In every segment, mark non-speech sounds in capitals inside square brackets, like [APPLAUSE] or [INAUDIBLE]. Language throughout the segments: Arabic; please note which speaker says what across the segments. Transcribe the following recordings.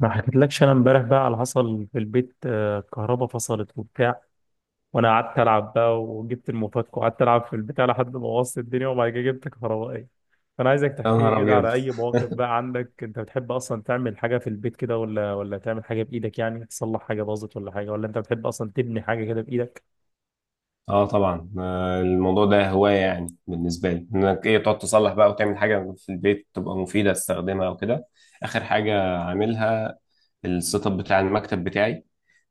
Speaker 1: ما حكيتلكش انا امبارح بقى على حصل في البيت، الكهرباء فصلت وبتاع، وانا قعدت العب بقى وجبت المفك وقعدت العب في البتاع لحد ما وصلت الدنيا، وبعد كده جبت كهربائي. فانا عايزك
Speaker 2: يا
Speaker 1: تحكي لي
Speaker 2: نهار
Speaker 1: كده
Speaker 2: ابيض.
Speaker 1: على اي مواقف
Speaker 2: [LAUGHS]
Speaker 1: بقى عندك، انت بتحب اصلا تعمل حاجه في البيت كده ولا تعمل حاجه بايدك، يعني تصلح حاجه باظت ولا حاجه، ولا انت بتحب اصلا تبني حاجه كده بايدك؟
Speaker 2: اه طبعا. الموضوع ده هوايه يعني بالنسبه لي انك ايه تقعد تصلح بقى وتعمل حاجه في البيت تبقى مفيده تستخدمها وكده. اخر حاجه عاملها السيت اب بتاع المكتب بتاعي.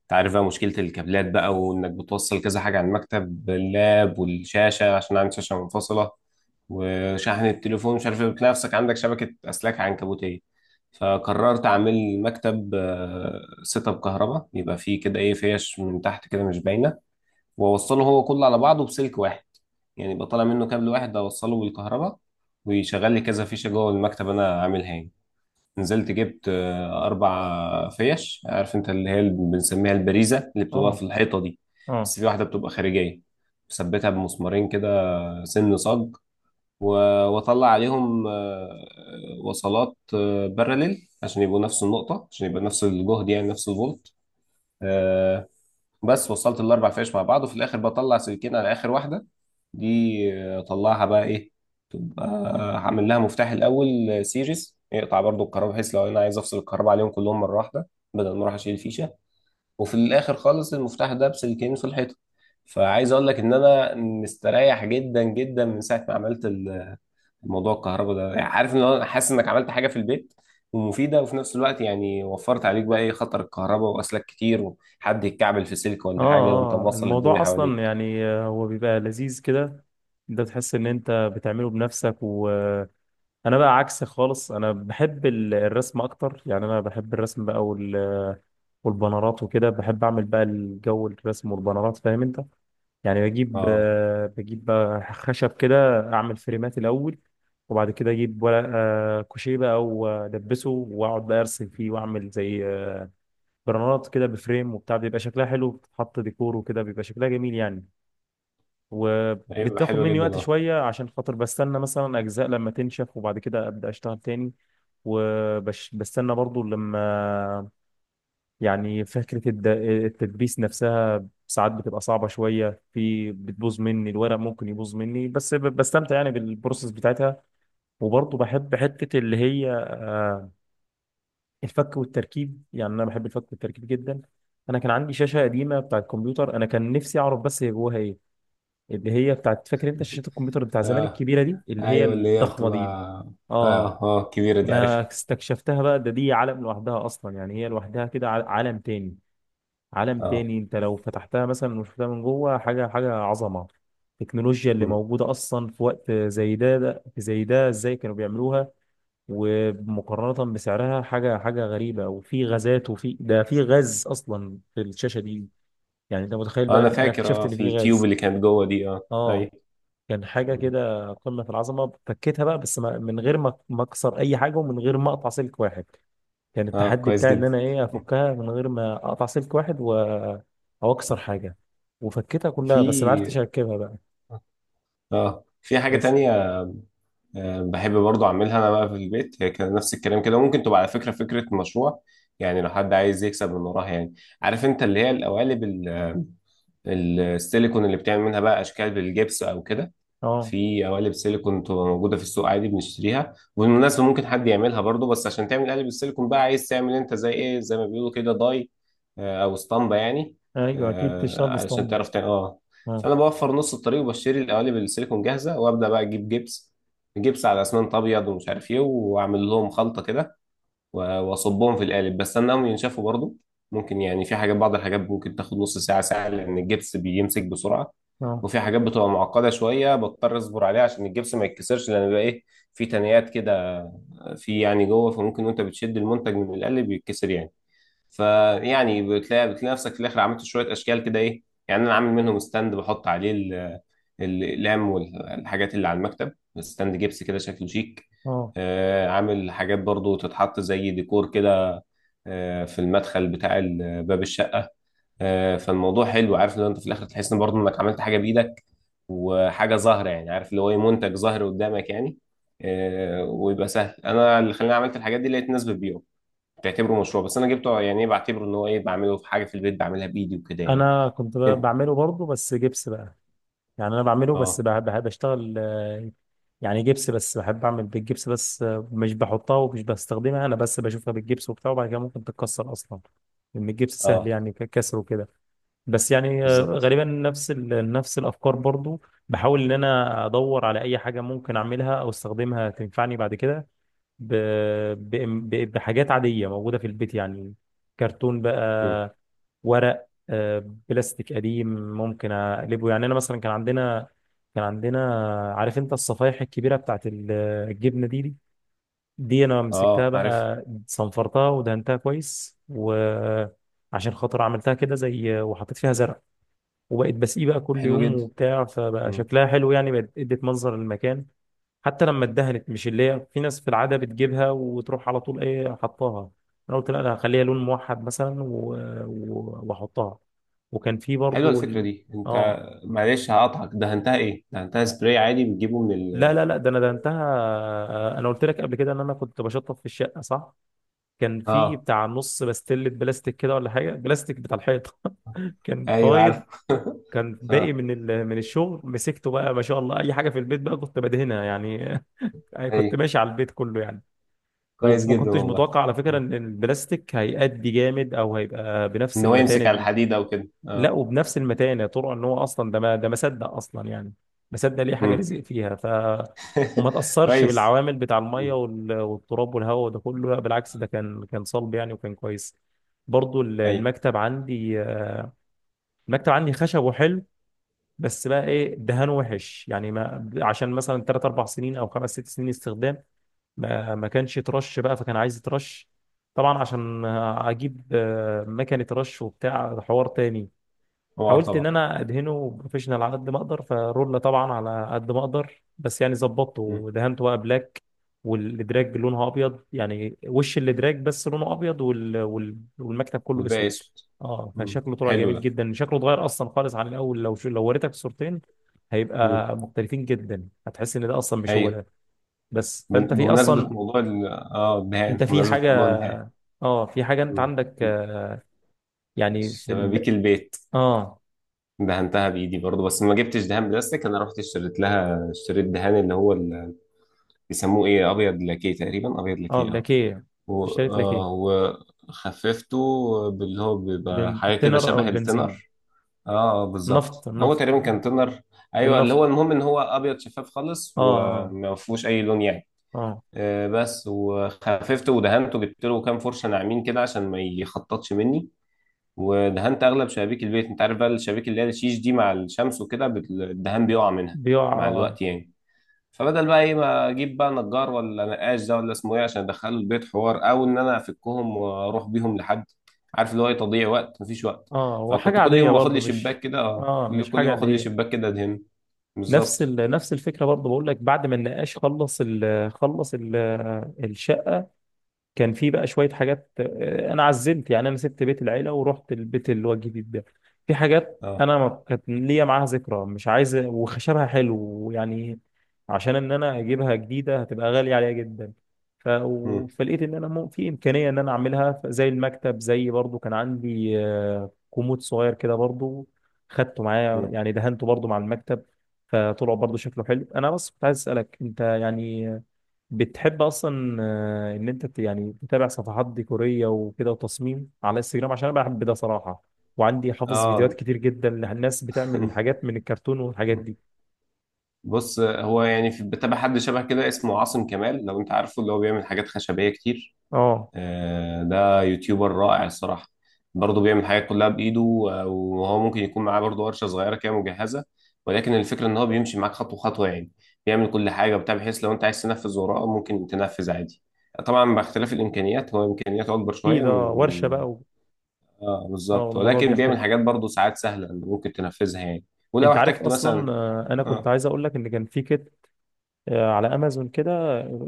Speaker 2: انت عارف بقى مشكله الكابلات بقى، وانك بتوصل كذا حاجه على المكتب، اللاب والشاشه عشان عندي شاشه منفصله وشحن التليفون مش عارف ايه، بتلاقي نفسك عندك شبكه اسلاك عنكبوتيه. فقررت اعمل مكتب سيت اب كهرباء، يبقى فيه كده ايه، فيش من تحت كده مش باينه، واوصله هو كله على بعضه بسلك واحد. يعني يبقى طالع منه كابل واحد اوصله بالكهرباء، ويشغل لي كذا فيشه جوه المكتب انا عاملها يعني. نزلت جبت اربع فيش، عارف انت اللي هي اللي بنسميها البريزه اللي بتبقى في
Speaker 1: اه
Speaker 2: الحيطه دي،
Speaker 1: اه
Speaker 2: بس في واحده بتبقى خارجيه مثبتها بمسمارين كده سن صاج. و- واطلع عليهم وصلات باراليل عشان يبقوا نفس النقطه، عشان يبقى نفس الجهد يعني نفس الفولت. آه، بس وصلت الاربع فيش مع بعض وفي الاخر بطلع سلكين على اخر واحده دي. اطلعها بقى ايه، تبقى هعمل لها مفتاح الاول سيريز يقطع برضو الكهرباء، بحيث لو انا عايز افصل الكهرباء عليهم كلهم مره واحده بدل ما اروح اشيل الفيشه. وفي الاخر خالص المفتاح ده بسلكين في الحيطه. فعايز اقول لك ان انا مستريح جدا جدا من ساعه ما عملت موضوع الكهرباء ده. يعني عارف ان انا حاسس انك عملت حاجه في البيت ومفيده، وفي نفس الوقت يعني وفرت عليك بقى ايه، خطر الكهرباء واسلاك كتير وحد يتكعبل في سلك
Speaker 1: اه
Speaker 2: ولا حاجه وانت
Speaker 1: اه،
Speaker 2: موصل
Speaker 1: الموضوع
Speaker 2: الدنيا
Speaker 1: اصلا
Speaker 2: حواليك.
Speaker 1: يعني هو بيبقى لذيذ كده، انت تحس ان انت بتعمله بنفسك و... انا بقى عكسك خالص، انا بحب الرسم اكتر، يعني انا بحب الرسم بقى والبنرات وكده، بحب اعمل بقى الجو الرسم والبنرات، فاهم انت؟ يعني بجيب
Speaker 2: اه،
Speaker 1: بجيب بقى خشب كده، اعمل فريمات الاول، وبعد كده اجيب ورق كوشيه بقى والبسه، واقعد بقى ارسم فيه، واعمل زي بنرات كده بفريم وبتاع، بيبقى شكلها حلو، بتتحط ديكور وكده بيبقى شكلها جميل يعني.
Speaker 2: ايوه
Speaker 1: وبتاخد
Speaker 2: حلوه
Speaker 1: مني
Speaker 2: جدا
Speaker 1: وقت
Speaker 2: اه.
Speaker 1: شوية عشان خاطر بستنى مثلا أجزاء لما تنشف وبعد كده أبدأ أشتغل تاني. وبستنى برضو لما، يعني فكرة التدبيس نفسها ساعات بتبقى صعبة شوية، في بتبوظ مني الورق، ممكن يبوظ مني، بس بستمتع يعني بالبروسيس بتاعتها. وبرضو بحب حتة اللي هي الفك والتركيب، يعني أنا بحب الفك والتركيب جدا. أنا كان عندي شاشة قديمة بتاعت كمبيوتر، أنا كان نفسي أعرف بس هي جواها إيه، اللي هي بتاعت، فاكر انت شاشات الكمبيوتر بتاع زمان
Speaker 2: اه
Speaker 1: الكبيره دي، اللي هي
Speaker 2: ايوه اللي هي
Speaker 1: الضخمه
Speaker 2: بتبقى.
Speaker 1: دي. اه
Speaker 2: اه اه كبيره دي، عارفها.
Speaker 1: انا استكشفتها بقى، ده دي عالم لوحدها اصلا يعني، هي لوحدها كده، عالم تاني، عالم
Speaker 2: اه.
Speaker 1: تاني. انت لو فتحتها مثلا وشفتها من جوه حاجه، حاجه عظمه. التكنولوجيا اللي
Speaker 2: مم.
Speaker 1: موجوده اصلا في وقت زي ده، زي ده ازاي كانوا بيعملوها؟ ومقارنه بسعرها حاجه، حاجه غريبه. وفي غازات، وفي ده، في غاز اصلا في الشاشه دي، يعني انت متخيل بقى
Speaker 2: انا
Speaker 1: ان انا
Speaker 2: فاكر
Speaker 1: اكتشفت
Speaker 2: اه،
Speaker 1: ان
Speaker 2: في
Speaker 1: في
Speaker 2: التيوب
Speaker 1: غاز؟
Speaker 2: اللي كانت جوه دي اه.
Speaker 1: اه
Speaker 2: ايوه.
Speaker 1: كان حاجة
Speaker 2: مم.
Speaker 1: كده قمة في العظمة. فكيتها بقى بس من غير ما أكسر أي حاجة ومن غير ما أقطع سلك واحد. كان
Speaker 2: اه
Speaker 1: التحدي
Speaker 2: كويس
Speaker 1: بتاعي إن
Speaker 2: جدا.
Speaker 1: أنا إيه أفكها من غير ما أقطع سلك واحد و... أو أكسر
Speaker 2: [LAUGHS]
Speaker 1: حاجة. وفكيتها كلها بس ما عرفتش
Speaker 2: في
Speaker 1: أركبها بقى.
Speaker 2: اه، في حاجه
Speaker 1: بس
Speaker 2: تانية بحب برضو اعملها انا بقى في البيت. هي كان نفس الكلام كده، ممكن تبقى على فكره فكره مشروع يعني لو حد عايز يكسب من وراها يعني. عارف انت اللي هي القوالب السيليكون، اللي بتعمل منها بقى اشكال بالجبس او كده.
Speaker 1: أه
Speaker 2: في قوالب سيليكون بتبقى موجودة في السوق عادي بنشتريها، وبالمناسبة ممكن حد يعملها برضو، بس عشان تعمل قالب السيليكون بقى عايز تعمل انت زي ايه، زي ما بيقولوا كده داي او اسطمبة يعني
Speaker 1: أيوه، أكيد تشتغل
Speaker 2: علشان
Speaker 1: باسطمبة.
Speaker 2: تعرف تعمل اه.
Speaker 1: أه
Speaker 2: فانا بوفر نص الطريق وبشتري القوالب السيليكون جاهزة، وابدا بقى اجيب جبس، جبس على اسمنت ابيض ومش عارف ايه، واعمل لهم خلطة كده واصبهم في القالب. بس استناهم ينشفوا برضو، ممكن يعني في حاجات، بعض الحاجات ممكن تاخد نص ساعة ساعة لأن الجبس بيمسك بسرعة.
Speaker 1: أه
Speaker 2: وفي حاجات بتبقى معقدة شوية بضطر اصبر عليها عشان الجبس ما يتكسرش، لان بيبقى ايه، في تنيات كده في يعني جوه، فممكن وانت بتشد المنتج من القالب يتكسر يعني. فيعني بتلاقي نفسك في الاخر عملت شوية اشكال كده ايه يعني. انا عامل منهم ستاند بحط عليه الاقلام والحاجات اللي على المكتب، ستاند جبس كده شكله شيك.
Speaker 1: أه.
Speaker 2: عامل حاجات برضو تتحط زي ديكور كده في المدخل بتاع باب الشقة. فالموضوع حلو، عارف ان انت في الاخر تحس ان برضو انك عملت حاجة بايدك، وحاجه ظاهره يعني، عارف اللي هو ايه، منتج ظاهر قدامك يعني. ويبقى سهل. انا اللي خلاني عملت الحاجات دي لقيت ناس بتبيعه بتعتبره مشروع، بس انا جبته يعني ايه، بعتبره ان هو ايه، بعمله في حاجه في البيت بعملها بايدي وكده يعني.
Speaker 1: أنا كنت بقى
Speaker 2: انت
Speaker 1: بعمله برضه، بس جبس بقى. يعني انا بعمله بس
Speaker 2: اه.
Speaker 1: بحب اشتغل يعني جبس، بس بحب اعمل بالجبس بس. مش بحطها ومش بستخدمها، انا بس بشوفها بالجبس وبتاع، وبعد كده ممكن تتكسر اصلا، لان الجبس سهل
Speaker 2: اه
Speaker 1: يعني كسره كده. بس يعني
Speaker 2: بالظبط.
Speaker 1: غالبا نفس نفس الافكار برضو. بحاول ان انا ادور على اي حاجه ممكن اعملها او استخدمها تنفعني بعد كده، ب- بحاجات عاديه موجوده في البيت يعني، كرتون
Speaker 2: مم.
Speaker 1: بقى، ورق، بلاستيك قديم، ممكن اقلبه. يعني انا مثلا كان عندنا عارف انت الصفايح الكبيره بتاعت الجبنه دي، انا مسكتها
Speaker 2: اه عارف.
Speaker 1: بقى، صنفرتها ودهنتها كويس، وعشان خاطر عملتها كده زي، وحطيت فيها زرع. وبقيت بسقيه بقى كل
Speaker 2: حلو
Speaker 1: يوم
Speaker 2: جدا.
Speaker 1: وبتاع، فبقى
Speaker 2: مم.
Speaker 1: شكلها حلو يعني، بقت ادت منظر للمكان. حتى لما اتدهنت، مش اللي هي في ناس في العاده بتجيبها وتروح على طول ايه حطاها، انا قلت لا، انا هخليها لون موحد مثلا واحطها. وكان في
Speaker 2: حلوه
Speaker 1: برضو
Speaker 2: الفكره
Speaker 1: ال...
Speaker 2: دي. انت،
Speaker 1: اه
Speaker 2: معلش هقطعك، دهنتها ايه؟ دهنتها سبراي عادي بتجيبه من
Speaker 1: لا
Speaker 2: ال؟
Speaker 1: لا لا، ده انا ده انتهى. انا قلت لك قبل كده ان انا كنت بشطف في الشقه، صح؟ كان في
Speaker 2: اه
Speaker 1: بتاع نص بستله بلاستيك كده ولا حاجه، بلاستيك بتاع الحيطه. [LAUGHS] كان
Speaker 2: ايوه
Speaker 1: فايض،
Speaker 2: عارف. [LAUGHS]
Speaker 1: كان باقي
Speaker 2: اه
Speaker 1: من ال... من الشغل. مسكته بقى ما شاء الله، اي حاجه في البيت بقى كنت بدهنها يعني. [LAUGHS] كنت
Speaker 2: ايوه.
Speaker 1: ماشي على البيت كله يعني.
Speaker 2: كويس
Speaker 1: وما
Speaker 2: جدا
Speaker 1: كنتش
Speaker 2: والله.
Speaker 1: متوقع على فكرة
Speaker 2: مم.
Speaker 1: ان البلاستيك هيأدي جامد، او هيبقى بنفس
Speaker 2: ان هو
Speaker 1: المتانة
Speaker 2: يمسك على
Speaker 1: دي.
Speaker 2: الحديد او كده
Speaker 1: لا،
Speaker 2: اه.
Speaker 1: وبنفس المتانة، طرق، ان هو اصلا ده ما صدق اصلا يعني، ما صدق ليه حاجة
Speaker 2: مم.
Speaker 1: رزق فيها. ف وما
Speaker 2: [LAUGHS]
Speaker 1: تأثرش
Speaker 2: كويس.
Speaker 1: بالعوامل بتاع المية
Speaker 2: مم.
Speaker 1: والتراب والهواء وده كله، لا بالعكس ده كان صلب يعني وكان كويس. برضو
Speaker 2: ايوه.
Speaker 1: المكتب عندي المكتب عندي خشب وحلو، بس بقى ايه دهان وحش يعني، ما عشان مثلا 3 4 سنين او 5 6 سنين استخدام، ما كانش ترش بقى، فكان عايز ترش. طبعا عشان اجيب مكنه رش وبتاع حوار تاني.
Speaker 2: حمار
Speaker 1: حاولت ان
Speaker 2: طبعا.
Speaker 1: انا ادهنه بروفيشنال على قد ما اقدر، فرولة طبعا على قد ما اقدر، بس يعني ظبطته
Speaker 2: مم.
Speaker 1: ودهنته بقى بلاك، والادراج لونها ابيض، يعني وش الادراج بس لونه ابيض، وال... وال... والمكتب كله
Speaker 2: والباقي
Speaker 1: اسود.
Speaker 2: اسود.
Speaker 1: اه فشكله طلع
Speaker 2: حلو
Speaker 1: جميل
Speaker 2: ده.
Speaker 1: جدا، شكله اتغير اصلا خالص عن الاول. لو شو، لو وريتك الصورتين
Speaker 2: مم.
Speaker 1: هيبقى مختلفين جدا، هتحس ان ده اصلا مش هو
Speaker 2: ايوه.
Speaker 1: ده. بس فانت في
Speaker 2: بمناسبة
Speaker 1: اصلا،
Speaker 2: موضوع ال اه
Speaker 1: انت
Speaker 2: الدهان،
Speaker 1: في
Speaker 2: بمناسبة موضوع
Speaker 1: حاجه؟
Speaker 2: الدهان،
Speaker 1: اه في حاجه انت
Speaker 2: مم.
Speaker 1: عندك آه، يعني في ال،
Speaker 2: شبابيك البيت
Speaker 1: اه
Speaker 2: دهنتها بايدي برضه، بس ما جبتش دهان بلاستيك. انا رحت اشتريت لها، اشتريت دهان اللي هو بيسموه ايه، ابيض لاكيه تقريبا، ابيض
Speaker 1: اه
Speaker 2: لاكيه اه.
Speaker 1: اللاكيه،
Speaker 2: و-
Speaker 1: اشتريت لاكيه.
Speaker 2: وخففته باللي هو بيبقى حاجه كده
Speaker 1: بالتنر او
Speaker 2: شبه
Speaker 1: البنزين.
Speaker 2: التنر اه. بالظبط،
Speaker 1: النفط
Speaker 2: هو
Speaker 1: النفط.
Speaker 2: تقريبا كان تونر. ايوه اللي
Speaker 1: بالنفط.
Speaker 2: هو المهم ان هو ابيض شفاف خالص
Speaker 1: اه اه
Speaker 2: وما فيهوش اي لون يعني.
Speaker 1: اه.
Speaker 2: بس وخففته ودهنته، جبت له كام فرشه ناعمين كده عشان ما يخططش مني، ودهنت اغلب شبابيك البيت. انت عارف بقى الشبابيك اللي هي الشيش دي مع الشمس وكده الدهان بيقع منها
Speaker 1: بيقع
Speaker 2: مع
Speaker 1: اه.
Speaker 2: الوقت يعني. فبدل بقى ايه، ما اجيب بقى نجار ولا نقاش، ده ولا اسمه ايه، عشان ادخله البيت حوار او ان انا افكهم واروح بيهم لحد، عارف اللي هو إيه، تضييع وقت، مفيش وقت.
Speaker 1: اه وحاجه
Speaker 2: فكنت كل
Speaker 1: عاديه
Speaker 2: يوم باخد لي
Speaker 1: برضو
Speaker 2: شباك
Speaker 1: مش،
Speaker 2: كده اه،
Speaker 1: اه مش
Speaker 2: كل يوم
Speaker 1: حاجه اللي
Speaker 2: اخد لي
Speaker 1: هي،
Speaker 2: شباك كده ادهن.
Speaker 1: نفس
Speaker 2: بالظبط
Speaker 1: ال... نفس الفكره برضو. بقول لك بعد ما النقاش خلص ال... خلص ال... الشاي. كان في بقى شوية حاجات أنا عزلت يعني، أنا سبت بيت العيلة ورحت البيت اللي هو الجديد ده، في حاجات
Speaker 2: اه.
Speaker 1: أنا ما كانت ليا معاها ذكرى، مش عايز، وخشبها حلو يعني، عشان إن أنا أجيبها جديدة هتبقى غالية عليا جدا. ف...
Speaker 2: مم.
Speaker 1: فلقيت إن أنا في إمكانية إن أنا أعملها، زي المكتب، زي برضو كان عندي كومود صغير كده برضو، خدته معايا
Speaker 2: مم.
Speaker 1: يعني، دهنته برضو مع المكتب. فطلع برضو شكله حلو. أنا بس كنت عايز أسألك أنت يعني، بتحب اصلا ان انت يعني تتابع صفحات ديكوريه وكده وتصميم على انستجرام؟ عشان انا بحب ده صراحه، وعندي حافظ فيديوهات
Speaker 2: اه.
Speaker 1: كتير جدا للناس بتعمل
Speaker 2: [LAUGHS]
Speaker 1: حاجات من الكرتون والحاجات دي.
Speaker 2: بص هو يعني في، بتابع حد شبه كده اسمه عاصم كمال لو انت عارفه، اللي هو بيعمل حاجات خشبيه كتير.
Speaker 1: اه
Speaker 2: ده يوتيوبر رائع الصراحة، برضه بيعمل حاجات كلها بإيده. وهو ممكن يكون معاه برضه ورشة صغيرة كده مجهزة، ولكن الفكرة إن هو بيمشي معاك خطوة خطوة يعني، بيعمل كل حاجة وبتاع، بحيث لو أنت عايز تنفذ وراه ممكن تنفذ عادي. طبعا باختلاف الإمكانيات، هو إمكانياته أكبر
Speaker 1: في
Speaker 2: شوية
Speaker 1: ده ورشه
Speaker 2: من-
Speaker 1: بقى و...
Speaker 2: آه
Speaker 1: اه
Speaker 2: بالظبط.
Speaker 1: الموضوع
Speaker 2: ولكن بيعمل
Speaker 1: بيختلف.
Speaker 2: حاجات برضه ساعات سهلة إن ممكن تنفذها يعني. ولو
Speaker 1: انت عارف
Speaker 2: احتجت
Speaker 1: اصلا
Speaker 2: مثلا
Speaker 1: انا كنت
Speaker 2: آه.
Speaker 1: عايز اقول لك ان كان في كده على امازون كده،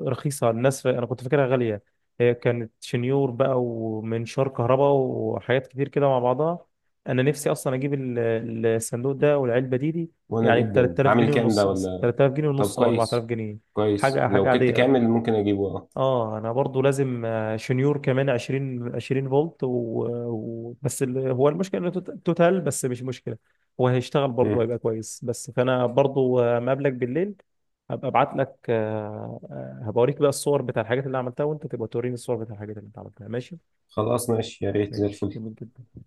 Speaker 1: رخيصه الناس، انا كنت فاكرها غاليه. هي كانت شنيور بقى ومنشار كهرباء وحاجات كتير كده مع بعضها، انا نفسي اصلا اجيب الصندوق ده والعلبه دي،
Speaker 2: وأنا
Speaker 1: يعني ب
Speaker 2: جدا
Speaker 1: 3000
Speaker 2: عامل
Speaker 1: جنيه
Speaker 2: كام ده
Speaker 1: ونص، اصلا
Speaker 2: ولا؟
Speaker 1: 3000 جنيه
Speaker 2: طب
Speaker 1: ونص او 4000
Speaker 2: كويس،
Speaker 1: جنيه
Speaker 2: كويس.
Speaker 1: حاجه حاجه
Speaker 2: لو كنت
Speaker 1: عاديه.
Speaker 2: كامل ممكن أجيبه
Speaker 1: اه انا برضو لازم شنيور كمان 20 20 فولت و... و... بس ال... هو المشكله انه توتال، بس مش مشكله، هو هيشتغل برضو
Speaker 2: آه.
Speaker 1: هيبقى كويس. بس فانا برضو مقابلك بالليل، هبقى ابعت لك آه، هبوريك بقى الصور بتاع الحاجات اللي عملتها، وانت تبقى توريني الصور بتاع الحاجات اللي انت عملتها، ماشي؟
Speaker 2: خلاص ماشي، يا ريت زي
Speaker 1: ماشي
Speaker 2: الفل.
Speaker 1: جميل جدا.